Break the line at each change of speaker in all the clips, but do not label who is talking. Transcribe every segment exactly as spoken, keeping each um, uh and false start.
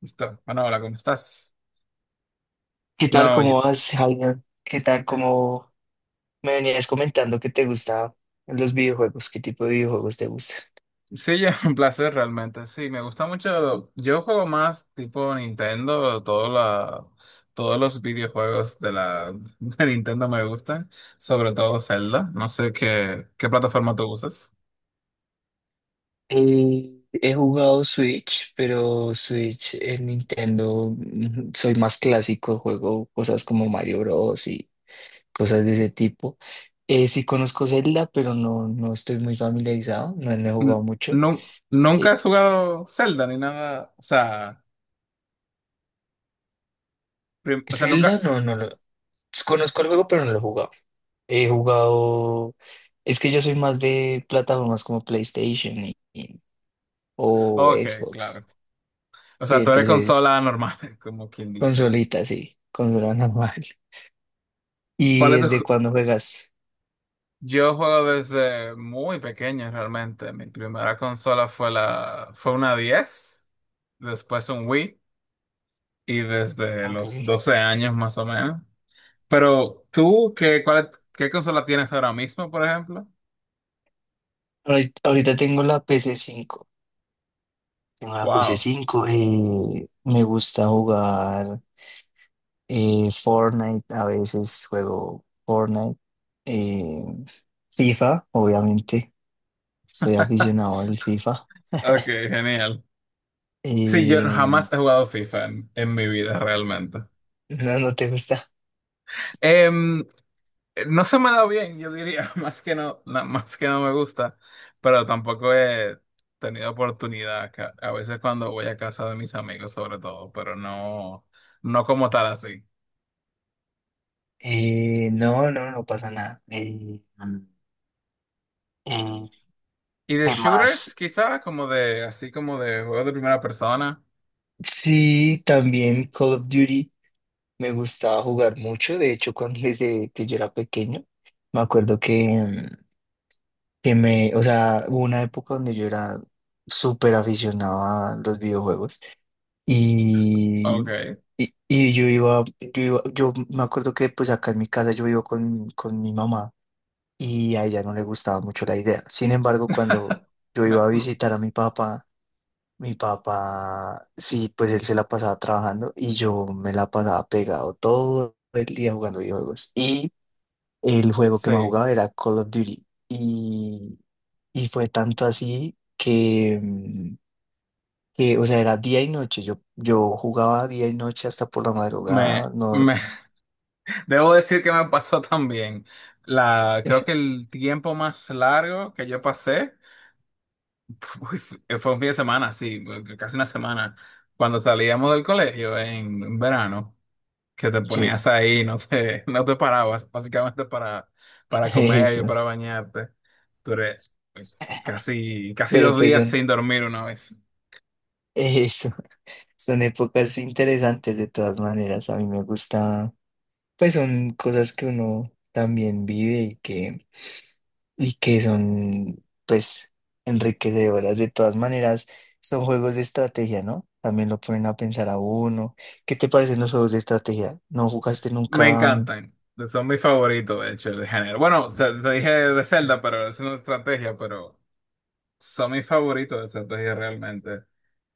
Listo. Bueno, hola, ¿cómo estás?
¿Qué tal?
No, yo-
¿Cómo vas, Javier? ¿Qué tal? ¿Cómo Me venías comentando que te gustaban los videojuegos. ¿Qué tipo de videojuegos te gusta?
sí, es un placer realmente. Sí, me gusta mucho. Yo juego más tipo Nintendo, todo la- todos los videojuegos de la de Nintendo me gustan, sobre todo Zelda. No sé qué, qué plataforma tú usas.
Eh, he jugado Switch, pero Switch en Nintendo, mm, soy más clásico, juego cosas como Mario Bros. Y cosas de ese tipo. Eh, sí, conozco Zelda, pero no, no estoy muy familiarizado, no, no he jugado
N-
mucho.
nu- nunca
Eh,
has jugado Zelda ni nada. O sea, prim- o sea, nunca.
Zelda no, no lo, pues conozco el juego, pero no lo he jugado. He jugado. Es que yo soy más de plataformas como PlayStation y- y- o
Ok,
Xbox.
claro. O
Sí,
sea, tú eres
entonces,
consola normal, como quien dice.
consolita, sí, consola normal. ¿Y
¿Cuál es
desde
tu?
cuándo juegas?
Yo juego desde muy pequeño realmente. Mi primera consola fue la, fue una diez, después un Wii y desde los
Ok.
doce años más o menos. Pero tú, ¿qué, cuál, qué consola tienes ahora mismo, por ejemplo?
Ahorita, ahorita tengo la pc cinco. Tengo la pc
Wow.
cinco, eh, me gusta jugar, eh, Fortnite. A veces juego Fortnite. eh, FIFA, obviamente. Soy aficionado al FIFA.
Ok, genial. Sí, yo
Eh,
jamás he jugado FIFA en, en mi vida realmente.
no, no te gusta.
Em, Eh, No se me da bien, yo diría, más que no, na- más que no me gusta, pero tampoco he tenido oportunidad, ca- a veces cuando voy a casa de mis amigos sobre todo, pero no, no como tal así.
Eh, no, no, no pasa nada. Eh, mm, eh,
¿Y de
¿qué
shooters,
más?
quizá? Como de, así como de juegos de primera persona.
Sí, también Call of Duty me gustaba jugar mucho. De hecho, cuando desde que yo era pequeño, me acuerdo que, mm, que me, o sea, hubo una época donde yo era súper aficionado a los videojuegos y,
Ok.
y, y yo iba, yo iba, yo me acuerdo que pues acá en mi casa yo vivo con, con mi mamá, y a ella no le gustaba mucho la idea. Sin embargo, cuando yo
Me-
iba a
me-
visitar a mi papá, mi papá, sí, pues él se la pasaba trabajando y yo me la pasaba pegado todo el día jugando videojuegos. Y el juego que más
sí,
jugaba era Call of Duty. Y, y fue tanto así que, mm, que, o sea, era día y noche. Yo, yo jugaba día y noche hasta por la
me,
madrugada. No,
me, debo decir que me pasó también. La, creo que el tiempo más largo que yo pasé. Uy, fue fue un fin de semana, sí, casi una semana. Cuando salíamos del colegio en en verano, que te
sí,
ponías ahí, no te, no te parabas, básicamente para, para comer y
eso.
para bañarte. Duré casi, casi
Pero
dos
pues
días
son
sin dormir una vez.
eso. Son épocas interesantes de todas maneras. A mí me gusta, pues son cosas que uno también vive y que, y que son, pues, enriquecedoras de todas maneras. Son juegos de estrategia, ¿no? También lo ponen a pensar a uno. ¿Qué te parecen los juegos de estrategia? ¿No jugaste
Me
nunca?
encantan. Son mis favoritos, de hecho, de género. Bueno, te, te dije de Zelda, pero esa es una estrategia, pero son mis favoritos de estrategia realmente.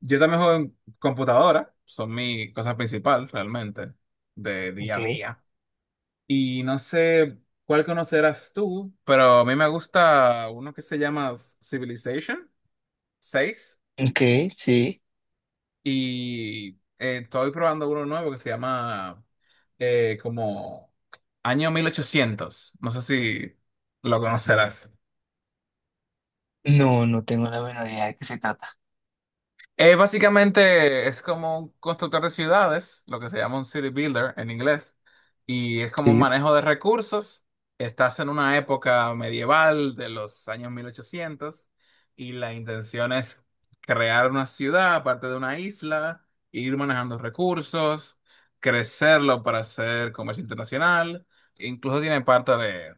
Yo también juego en computadora, son mi cosa principal realmente, de día a
¿Qué?
día. Y no sé cuál conocerás tú, pero a mí me gusta uno que se llama Civilization seis,
¿Qué? Sí.
y eh, estoy probando uno nuevo que se llama eh, como Año mil ochocientos. No sé si lo conocerás.
No, no tengo la menor idea de qué se trata.
Eh, básicamente es como un constructor de ciudades, lo que se llama un city builder en inglés, y es como un
Sí.
manejo de recursos. Estás en una época medieval de los años mil ochocientos y la intención es crear una ciudad aparte de una isla, ir manejando recursos, crecerlo para hacer comercio internacional, incluso tiene parte de,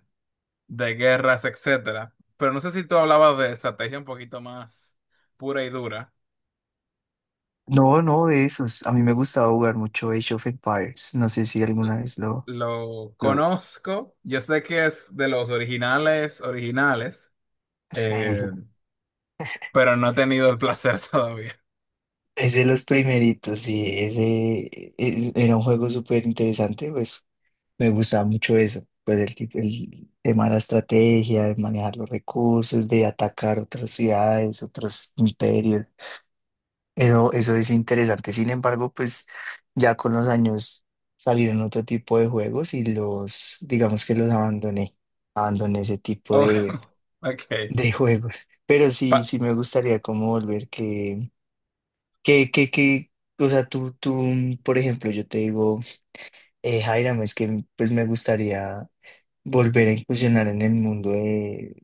de guerras, etcétera. Pero no sé si tú hablabas de estrategia un poquito más pura y dura.
No, no, de esos. A mí me gustaba jugar mucho Age of Empires. No sé si alguna vez lo,
Lo
lo,
conozco, yo sé que es de los originales, originales,
sí.
eh, pero no he tenido el placer todavía.
Es de los primeritos, sí, ese es- era un juego súper interesante, pues me gustaba mucho eso, pues el, tip- el tema de la estrategia, de manejar los recursos, de atacar otras ciudades, otros imperios, eso, eso es interesante, sin embargo, pues ya con los años salieron otro tipo de juegos y los, digamos que los abandoné, abandoné ese tipo
Oh,
de,
ok.
de juegos, pero sí,
Pa-
sí me gustaría como volver que que, que, que, o sea, tú, tú, mm, por ejemplo, yo te digo, eh, Jairam, es que, mm, pues me gustaría volver a incursionar en el mundo de,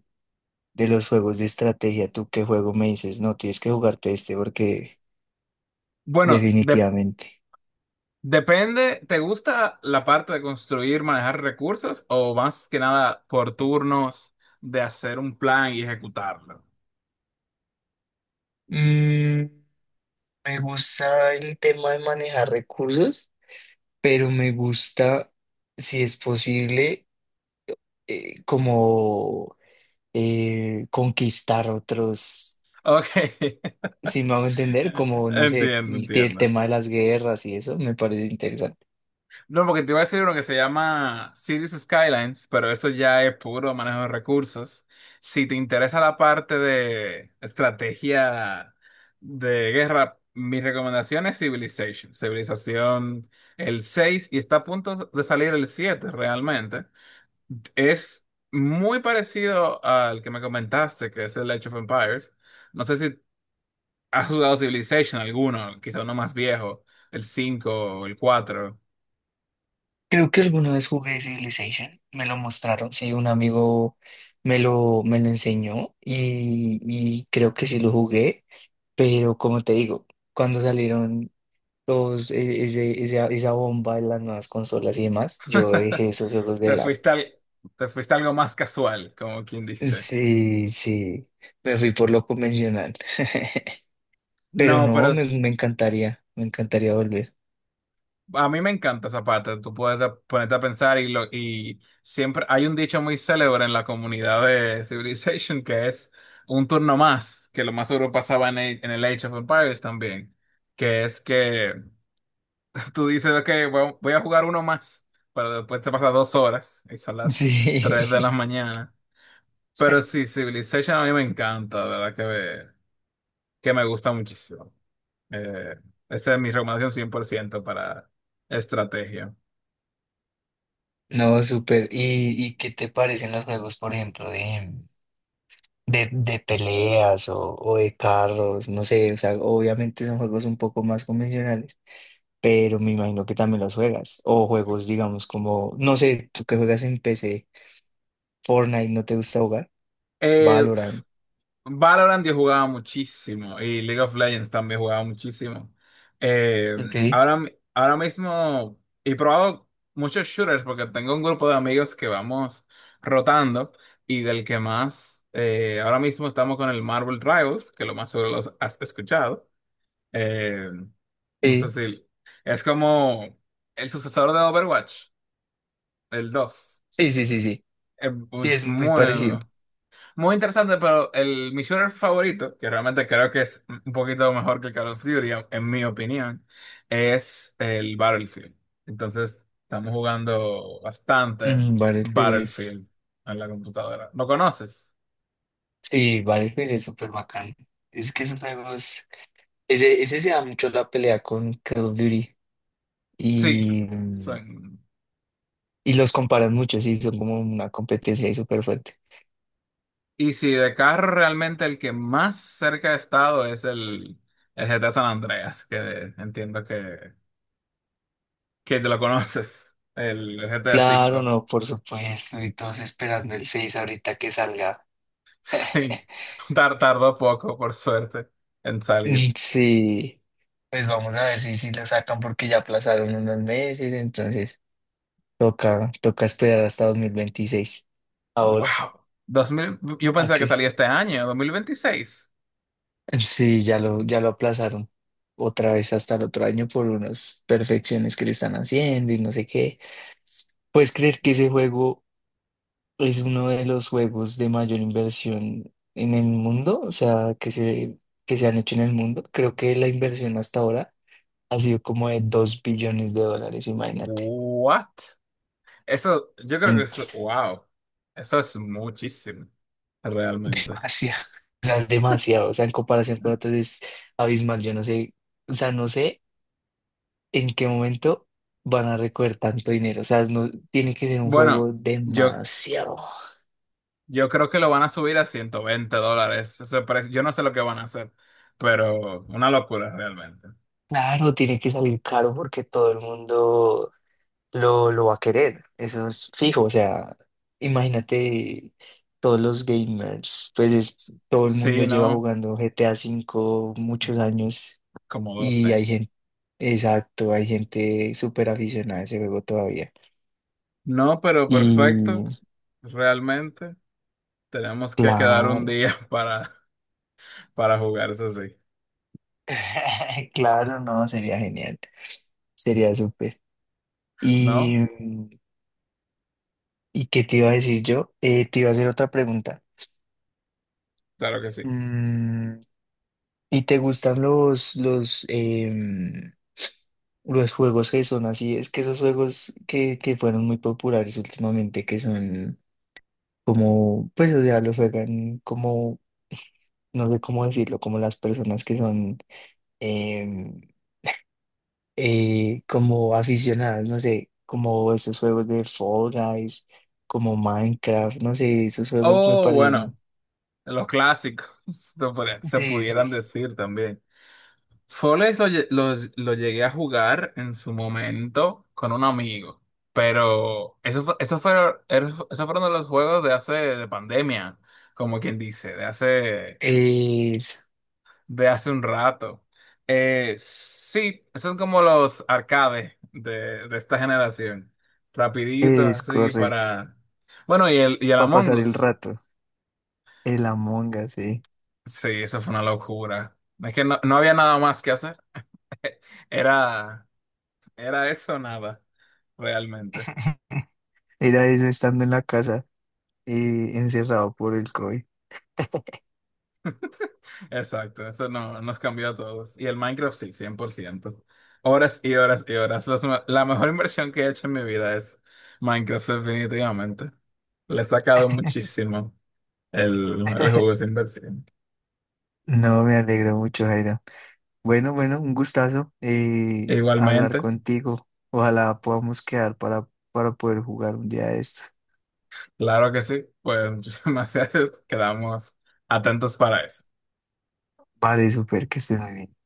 de los juegos de estrategia. ¿Tú qué juego me dices? No, tienes que jugarte este porque
bueno, de-
definitivamente.
depende, ¿te gusta la parte de construir, manejar recursos, o más que nada por turnos de hacer un plan y ejecutarlo?
Mm, me gusta el tema de manejar recursos, pero me gusta, si es posible, eh, como eh, conquistar otros,
Ok,
si me hago entender, como, no sé,
entiendo,
el, el
entiendo.
tema de las guerras y eso, me parece interesante.
No, porque te iba a decir uno que se llama Cities Skylines, pero eso ya es puro manejo de recursos. Si te interesa la parte de estrategia de guerra, mi recomendación es Civilization. Civilización el seis, y está a punto de salir el siete realmente. Es muy parecido al que me comentaste, que es el Age of Empires. No sé si has jugado Civilization alguno, quizá uno más viejo, el cinco o el cuatro.
Creo que alguna vez jugué Civilization, me lo mostraron, sí, un amigo me lo, me lo enseñó y, y creo que sí lo jugué, pero como te digo, cuando salieron los, e- ese- esa, esa bomba de las nuevas consolas y demás, yo dejé esos juegos de
Te
lado.
fuiste al, te fuiste a algo más casual, como quien dice.
Sí, sí, me fui por lo convencional, pero
No, pero
no, me,
es-
me encantaría, me encantaría volver.
a mí me encanta esa parte. Tú puedes a- ponerte a pensar y, lo, y siempre hay un dicho muy célebre en la comunidad de Civilization que es un turno más, que lo más seguro pasaba en el, en el Age of Empires también, que es que tú dices, ok, voy voy a jugar uno más, pero después te pasa dos horas y son las tres de la
Sí.
mañana. Pero sí, Civilization a mí me encanta, de verdad que me, que me gusta muchísimo. Eh, Esa es mi recomendación cien por ciento para estrategia.
No, súper. ¿Y, ¿y qué te parecen los juegos, por ejemplo, de, de, de peleas o, o de carros? No sé, o sea, obviamente son juegos un poco más convencionales, pero me imagino que también los juegas. O juegos, digamos, como, no sé, tú que juegas en P C Fortnite, ¿no te gusta jugar?
Eh, pf,
Valorant.
Valorant yo jugaba muchísimo y League of Legends también jugaba muchísimo. Eh,
Ok.
ahora, mi- Ahora mismo he probado muchos shooters porque tengo un grupo de amigos que vamos rotando, y del que más, eh, ahora mismo estamos con el Marvel Rivals, que lo más seguro los has escuchado. Eh, no sé
Sí,
si es como el sucesor de Overwatch, el dos.
sí, sí, sí, sí.
Eh, Muy,
Sí, es muy parecido.
muy interesante, pero el, mi shooter favorito, que realmente creo que es un poquito mejor que el Call of Duty, en mi opinión, es el Battlefield. Entonces, estamos jugando bastante
Mm, Battlefield es,
Battlefield en la computadora. ¿Lo conoces?
sí, Battlefield es súper bacán. Es que esos juegos, ese, ese se da mucho la pelea con Call of Duty.
Sí.
Y,
Son-
y los comparan mucho, sí, son como una competencia ahí súper fuerte.
Y si de carro realmente el que más cerca he estado es el, el G T A San Andreas, que entiendo que, que te lo conoces, el G T A
Claro,
V.
no, por supuesto, y todos esperando el seis ahorita que salga.
Sí, tar- tardó poco, por suerte, en salir.
Mm, sí, pues vamos a ver si, si lo sacan porque ya aplazaron unos meses, entonces toca, toca esperar hasta dos mil veintiséis. Ahora,
Wow. dos mil. Yo
¿a
pensaba que
qué?
salía este año, dos mil veintiséis.
Sí, ya lo, ya lo aplazaron otra vez hasta el otro año por unas perfecciones que le están haciendo y no sé qué. ¿Puedes creer que ese juego es uno de los juegos de mayor inversión en el mundo? O sea, que se, que se han hecho en el mundo. Creo que la inversión hasta ahora ha sido como de dos billones de dólares, imagínate.
What? Eso, yo creo que
Mm,
es, wow. Eso es muchísimo, realmente.
demasiado, o sea, es demasiado, o sea, en comparación con otros es abismal. Yo no sé, o sea, no sé en qué momento van a recoger tanto dinero, o sea, no, tiene que ser un
Bueno,
juego
yo,
demasiado.
yo creo que lo van a subir a ciento veinte dólares ese precio. Yo no sé lo que van a hacer, pero una locura realmente.
Claro, tiene que salir caro porque todo el mundo lo, lo va a querer, eso es fijo, o sea, imagínate todos los gamers, pues es-
S-
todo el mundo
Sí,
lleva
no,
jugando G T A cinco muchos años
como
y
doce.
hay gente, exacto, hay gente súper aficionada a ese juego todavía.
No, pero
Y
perfecto, realmente. Tenemos que quedar un
claro,
día para, para jugar, eso sí.
claro, no, sería genial, sería súper. Y,
¿No?
¿y qué te iba a decir yo? Eh, te iba a hacer otra pregunta.
Claro que sí.
Mm, ¿y te gustan los, los, em, los juegos que son así? Es que esos juegos que, que fueron muy populares últimamente, que son como, pues, o sea, los juegan como, no sé cómo decirlo, como las personas que son, em, eh, como aficionadas, no sé, como esos juegos de Fall Guys, como Minecraft, no sé, esos juegos me
Oh, bueno,
parecen.
los clásicos, se podría- se
Sí,
pudieran
sí.
decir también. Foles lo, lle- los- lo llegué a jugar en su momento con un amigo, pero eso fue, eso fue, eso fueron de los juegos de hace, de pandemia, como quien dice, de hace
Es,
de hace un rato. Eh, sí, son como los arcades de, de esta generación. Rapiditos,
es
así
correcto.
para... Bueno, y el, y el
Para
Among
pasar el
Us.
rato, el Among Us, sí.
Sí, eso fue una locura. Es que no, no había nada más que hacer. Era, era eso o nada, realmente.
Era eso estando en la casa y encerrado por el COVID.
Exacto, eso no, nos cambió a todos. Y el Minecraft sí, cien por ciento, horas y horas y horas. Los me- la mejor inversión que he hecho en mi vida es Minecraft, definitivamente. Le he sacado muchísimo. El, el juego es inversión.
No, me alegro mucho, Jairo. Bueno, bueno, un gustazo, eh, hablar
Igualmente,
contigo. Ojalá podamos quedar para, para poder jugar un día de estos.
claro que sí, pues muchísimas gracias. Quedamos atentos para eso.
Vale, súper, que estés muy bien.